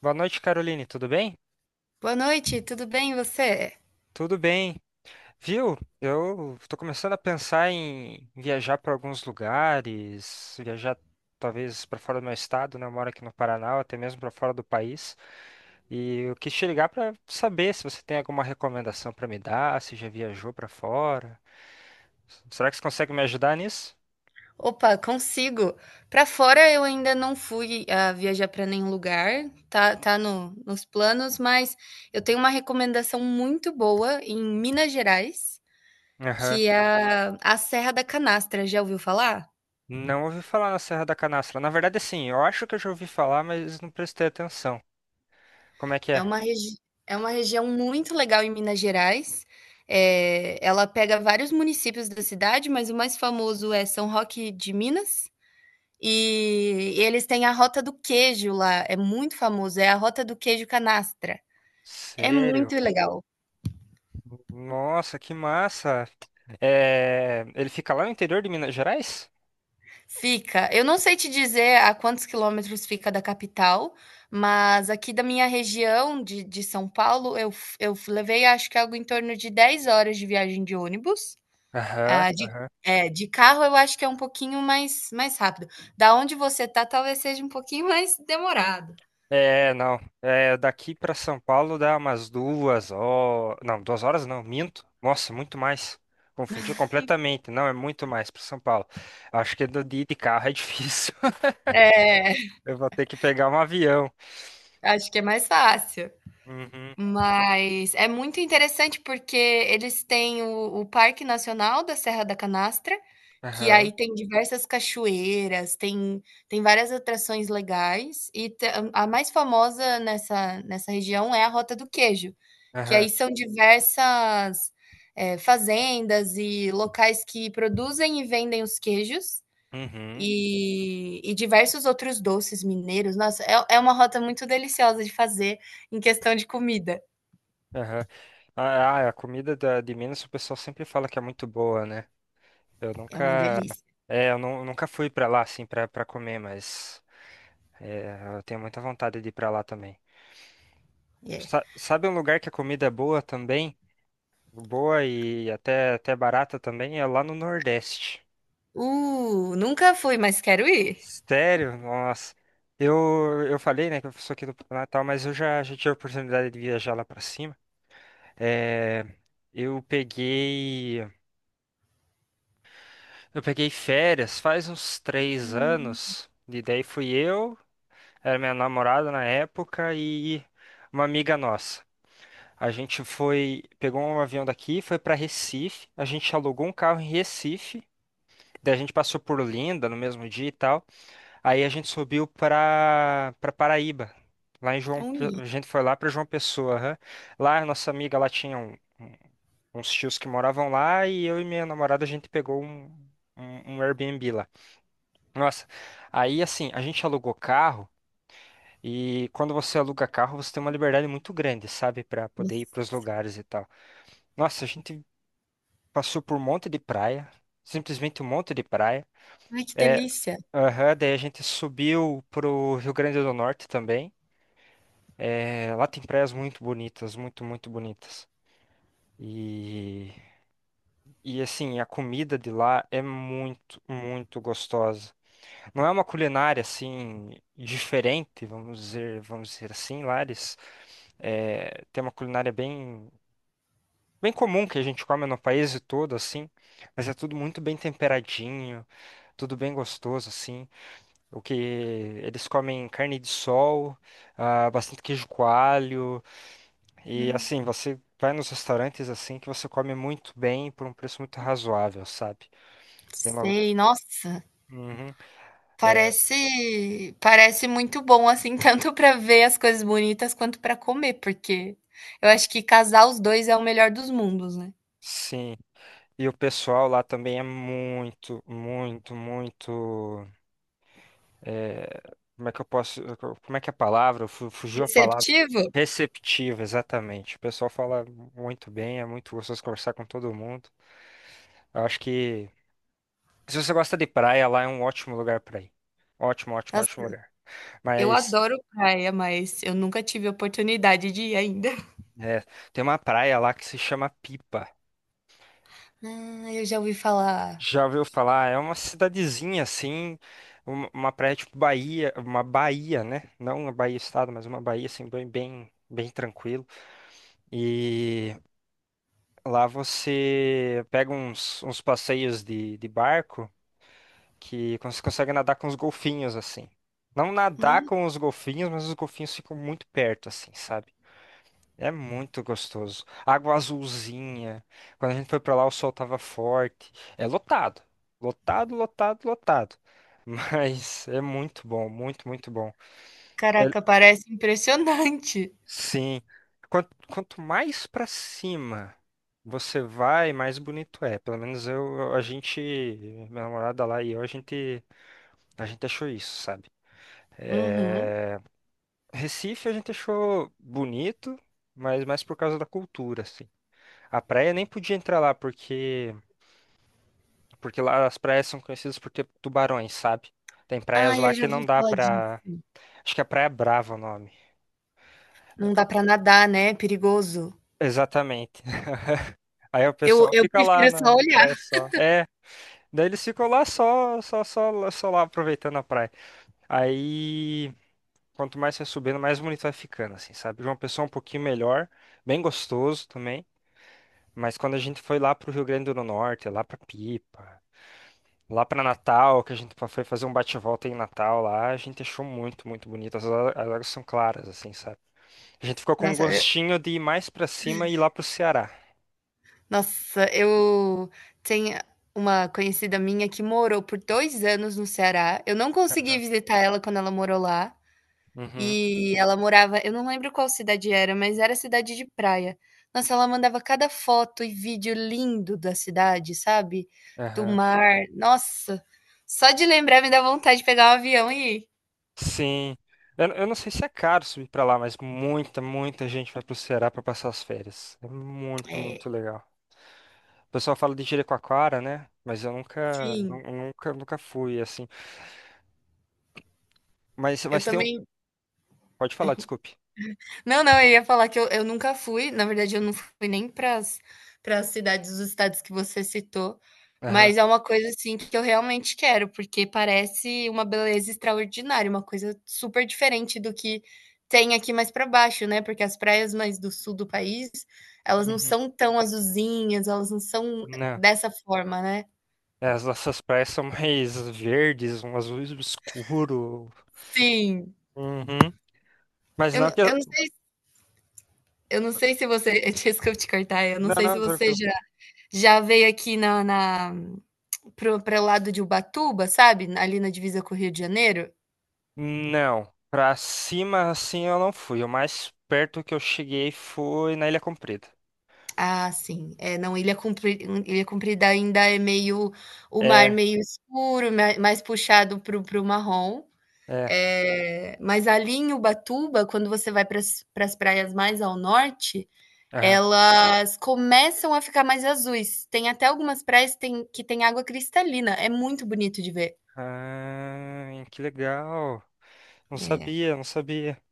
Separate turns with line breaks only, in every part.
Boa noite, Caroline. Tudo bem?
Boa noite, tudo bem e você?
Tudo bem. Viu? Eu tô começando a pensar em viajar para alguns lugares, viajar talvez para fora do meu estado, né? Eu moro aqui no Paraná, ou até mesmo para fora do país. E eu quis te ligar para saber se você tem alguma recomendação para me dar, se já viajou para fora. Será que você consegue me ajudar nisso?
Opa, consigo. Pra fora eu ainda não fui a viajar pra nenhum lugar, tá, tá no, nos planos, mas eu tenho uma recomendação muito boa em Minas Gerais,
Aham.
que é a Serra da Canastra. Já ouviu falar?
Não ouvi falar na Serra da Canastra. Na verdade, assim, eu acho que eu já ouvi falar, mas não prestei atenção. Como é que
É
é?
uma, regi É uma região muito legal em Minas Gerais. É, ela pega vários municípios da cidade, mas o mais famoso é São Roque de Minas. E eles têm a rota do queijo lá, é muito famoso, é a rota do queijo canastra. É
Sério?
muito legal.
Nossa, que massa! É, ele fica lá no interior de Minas Gerais?
Fica, eu não sei te dizer a quantos quilômetros fica da capital, mas aqui da minha região de São Paulo, eu f levei acho que algo em torno de 10 horas de viagem de ônibus,
Aham.
ah, de é, de carro eu acho que é um pouquinho mais rápido. Da onde você tá, talvez seja um pouquinho mais demorado.
É, não. É, daqui pra São Paulo dá umas duas horas. Não, duas horas não, minto. Nossa, muito mais. Confundi completamente. Não, é muito mais pra São Paulo. Acho que de ir de carro é difícil.
É,
Eu vou ter que pegar um avião.
acho que é mais fácil.
Uhum.
Mas é muito interessante, porque eles têm o Parque Nacional da Serra da Canastra, que
Aham.
aí tem diversas cachoeiras, tem várias atrações legais e te a mais famosa nessa região é a Rota do Queijo, que
Aham.
aí são diversas, fazendas e locais que produzem e vendem os queijos,
Uhum.
e diversos outros doces mineiros. Nossa, é uma rota muito deliciosa de fazer em questão de comida.
Aham. Ah, a comida de Minas o pessoal sempre fala que é muito boa, né? Eu
É uma
nunca,
delícia,
é, eu nu- nunca fui pra lá assim pra para comer, mas eu tenho muita vontade de ir pra lá também.
é.
Sabe um lugar que a comida é boa também, boa e até barata também é lá no Nordeste.
Nunca fui, mas quero ir.
Sério? Nossa. Eu falei, né, que eu sou aqui do Paraná e tal, mas eu já tive a oportunidade de viajar lá pra cima. É, eu peguei eu peguei férias faz uns três
Hum.
anos. E daí fui eu Era minha namorada na época e uma amiga nossa. A gente foi, pegou um avião daqui, foi para Recife, a gente alugou um carro em Recife, daí a gente passou por Olinda no mesmo dia e tal. Aí a gente subiu para Paraíba. Lá em
É
João,
um
Pe- A
li
gente foi lá para João Pessoa, aham. Lá a nossa amiga lá tinha uns tios que moravam lá e eu e minha namorada a gente pegou um um Airbnb lá. Nossa, aí assim, a gente alugou carro. E quando você aluga carro, você tem uma liberdade muito grande, sabe, para poder ir para os lugares e tal. Nossa, a gente passou por um monte de praia, simplesmente um monte de praia.
Ai, que
É,
delícia.
aham, daí a gente subiu pro Rio Grande do Norte também. É, lá tem praias muito bonitas, muito, muito bonitas. E, e assim, a comida de lá é muito, muito gostosa. Não é uma culinária assim diferente, vamos dizer assim, Lares. É, tem uma culinária bem comum que a gente come no país todo, assim, mas é tudo muito bem temperadinho, tudo bem gostoso, assim. O que eles comem carne de sol, ah, bastante queijo coalho, e
Não
assim, você vai nos restaurantes assim que você come muito bem por um preço muito razoável, sabe? Tem uma-
sei, nossa,
Uhum. é,
parece muito bom, assim, tanto para ver as coisas bonitas quanto para comer, porque eu acho que casar os 2 é o melhor dos mundos, né.
Sim, e o pessoal lá também é muito, muito, muito. é, Como é que eu posso, como é que é a palavra? Fugiu a palavra.
Receptivo?
Receptiva, exatamente. O pessoal fala muito bem, é muito gostoso conversar com todo mundo. Eu acho que se você gosta de praia, lá é um ótimo lugar pra ir. Ótimo, ótimo,
Nossa,
ótimo lugar.
eu
Mas
adoro praia, mas eu nunca tive oportunidade de ir ainda.
é, tem uma praia lá que se chama Pipa.
Ah, eu já ouvi falar.
Já ouviu falar? É uma cidadezinha assim, uma praia tipo Bahia, uma Bahia, né? Não uma Bahia Estado, mas uma Bahia assim bem, bem, bem tranquilo. E lá você pega uns passeios de barco que você consegue nadar com os golfinhos, assim. Não nadar
Nossa.
com os golfinhos, mas os golfinhos ficam muito perto, assim, sabe? É muito gostoso. Água azulzinha. Quando a gente foi pra lá, o sol tava forte. É lotado. Lotado, lotado, lotado. Mas é muito bom, muito, muito bom.
Caraca, parece impressionante.
Sim. Quanto, quanto mais pra cima você vai, mais bonito é. Pelo menos eu, a gente, minha namorada lá e eu, a gente achou isso, sabe?
Uhum.
É, Recife a gente achou bonito, mas mais por causa da cultura, assim. A praia nem podia entrar lá porque, porque lá as praias são conhecidas por ter tubarões, sabe? Tem praias
Ah,
lá
eu já
que não
ouvi
dá
falar disso.
pra. Acho que é Praia Brava o nome.
Não dá pra nadar, né, é perigoso.
Exatamente. Aí o
Eu
pessoal
eu
fica lá
prefiro
na
só
na
olhar.
praia só. É, daí eles ficam lá só, só, só, só lá aproveitando a praia. Aí, quanto mais você vai subindo, mais bonito vai ficando, assim, sabe? João Pessoa é um pouquinho melhor, bem gostoso também. Mas quando a gente foi lá pro Rio Grande do Norte, lá pra Pipa, lá pra Natal, que a gente foi fazer um bate-volta em Natal lá, a gente achou muito, muito bonito. As águas são claras, assim, sabe? A gente ficou com um
Nossa, eu
gostinho de ir mais pra cima e ir lá pro Ceará.
nossa, eu tenho uma conhecida minha que morou por 2 anos no Ceará, eu não consegui visitar ela quando ela morou lá,
Uhum.
e ela morava, eu não lembro qual cidade era, mas era cidade de praia. Nossa, ela mandava cada foto e vídeo lindo da cidade, sabe, do
Aham.
mar. Nossa, só de lembrar me dá vontade de pegar um avião e ir.
Sim. Eu não sei se é caro subir pra lá, mas muita, muita gente vai pro Ceará pra passar as férias. É muito,
É,
muito legal. O pessoal fala de Jericoacoara, né? Mas eu nunca,
sim,
nu- nunca, nunca fui assim.
eu
Mas tem um.
também.
Pode falar, desculpe.
Não, não, eu ia falar que eu nunca fui, na verdade, eu não fui nem para as cidades dos estados que você citou,
Aham.
mas é uma coisa assim que eu realmente quero, porque parece uma beleza extraordinária, uma coisa super diferente do que tem aqui mais para baixo, né? Porque as praias mais do sul do país, elas não
Uhum.
são tão azulzinhas, elas não são
Não.
dessa forma, né?
É, as nossas praias são mais verdes, um azul escuro.
Sim.
Uhum. Mas não que eu...
Não sei, eu não sei se você. Desculpa te cortar, eu não
Não,
sei se
não,
você
tranquilo.
já, já veio aqui na para o lado de Ubatuba, sabe? Ali na divisa com o Rio de Janeiro.
Não. Pra cima, assim, eu não fui. O mais perto que eu cheguei foi na Ilha Comprida.
Ah, sim. É, não, Ilha Comprida, Ilha Comprida ainda é meio o mar
É,
meio escuro, mais puxado para o marrom.
é.
É, mas ali em Ubatuba, quando você vai para as praias mais ao norte,
Aham.
elas começam a ficar mais azuis. Tem até algumas praias que tem água cristalina. É muito bonito de ver.
Ah, que legal. Não
É.
sabia, não sabia.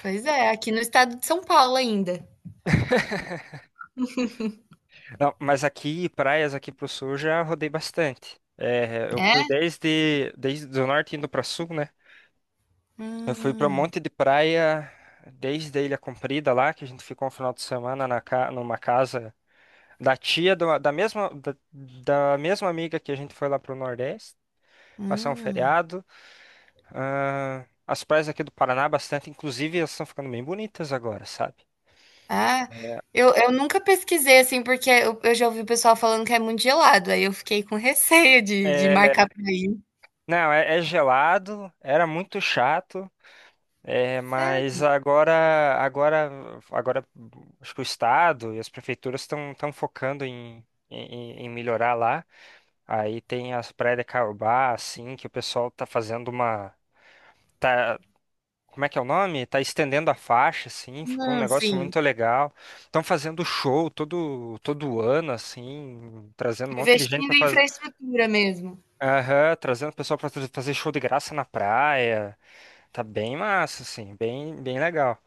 Pois é, aqui no estado de São Paulo ainda.
Não, mas aqui, praias aqui pro sul, eu já rodei bastante. É, eu fui
É?
desde do norte indo pra sul, né? Eu fui pra um
Hum,
monte de praia, desde a Ilha Comprida lá, que a gente ficou um final de semana na, numa casa da tia, da mesma, da mesma amiga que a gente foi lá pro Nordeste, passar um
hum.
feriado. Ah, as praias aqui do Paraná, bastante, inclusive, elas estão ficando bem bonitas agora, sabe?
Ah, eu nunca pesquisei, assim, porque eu já ouvi o pessoal falando que é muito gelado, aí eu fiquei com receio de
É,
marcar pra ir.
não, é, gelado, era muito chato, é, mas
Sério?
agora, agora, agora, acho que o estado e as prefeituras estão focando em, melhorar lá. Aí tem as praias de Caiobá, assim, que o pessoal tá fazendo uma, tá como é que é o nome? Tá estendendo a faixa, assim, ficou um
Não,
negócio
sim.
muito legal. Estão fazendo show todo ano, assim, trazendo um monte de gente
Investindo
para
em
fazer,
infraestrutura mesmo.
aham, trazendo o pessoal para fazer show de graça na praia. Tá bem massa, assim, bem legal.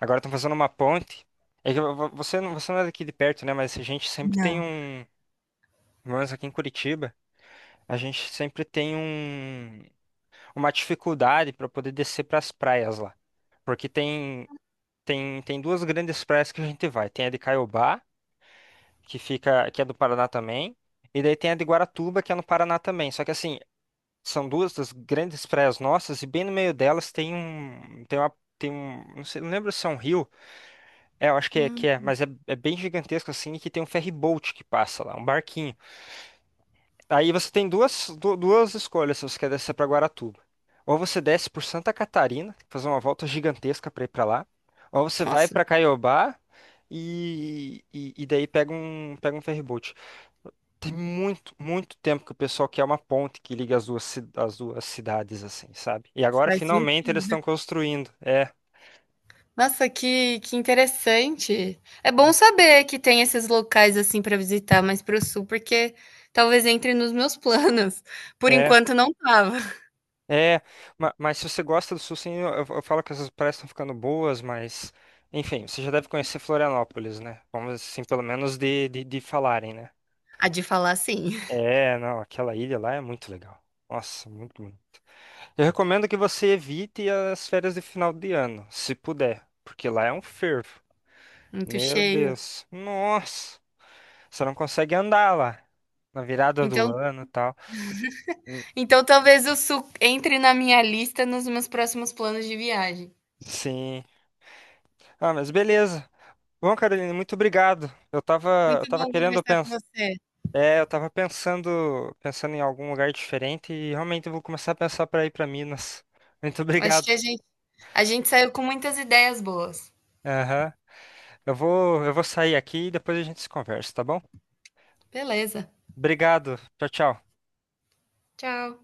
Agora estão fazendo uma ponte. É que você não, você não é daqui de perto, né? Mas a gente sempre tem
Não.
um, pelo menos aqui em Curitiba, a gente sempre tem uma dificuldade para poder descer para as praias lá. Porque tem. Tem, tem duas grandes praias que a gente vai. Tem a de Caiobá, que fica, que é do Paraná também, e daí tem a de Guaratuba, que é no Paraná também. Só que assim, são duas das grandes praias nossas e bem no meio delas tem um, tem uma, tem um, não sei, não lembro se é um rio. É, eu acho que
Hum.
é, mas é, é bem gigantesco assim, e que tem um ferry boat que passa lá, um barquinho. Aí você tem duas escolhas se você quer descer para Guaratuba. Ou você desce por Santa Catarina, fazer uma volta gigantesca para ir para lá, ou você vai
Nossa,
para Caiobá e daí pega um ferryboat. Tem muito, muito tempo que o pessoal quer uma ponte que liga as duas cidades, assim, sabe? E agora
faz
finalmente eles
sentido.
estão construindo. É,
Nossa, que interessante. É bom saber que tem esses locais, assim, para visitar mais para o sul, porque talvez entre nos meus planos. Por
é.
enquanto não estava.
É, mas se você gosta do Sul, sim, eu falo que essas praias estão ficando boas, mas enfim, você já deve conhecer Florianópolis, né? Vamos assim, pelo menos de falarem, né?
A de falar sim,
É, não, aquela ilha lá é muito legal. Nossa, muito, muito. Eu recomendo que você evite as férias de final de ano, se puder, porque lá é um fervo.
muito
Meu
cheio.
Deus, nossa, você não consegue andar lá na virada do
Então,
ano e tal. Hum,
então talvez o sul entre na minha lista nos meus próximos planos de viagem.
Sim. Ah, mas beleza. Bom, Carolina, muito obrigado. Eu tava, eu
Muito
tava
bom
querendo
conversar com
pensar,
você.
é, eu tava pensando em algum lugar diferente e realmente eu vou começar a pensar para ir para Minas. Muito
Acho
obrigado.
que a gente saiu com muitas ideias boas.
Aham. Eu vou sair aqui e depois a gente se conversa, tá bom?
Beleza,
Obrigado. Tchau, tchau.
tchau.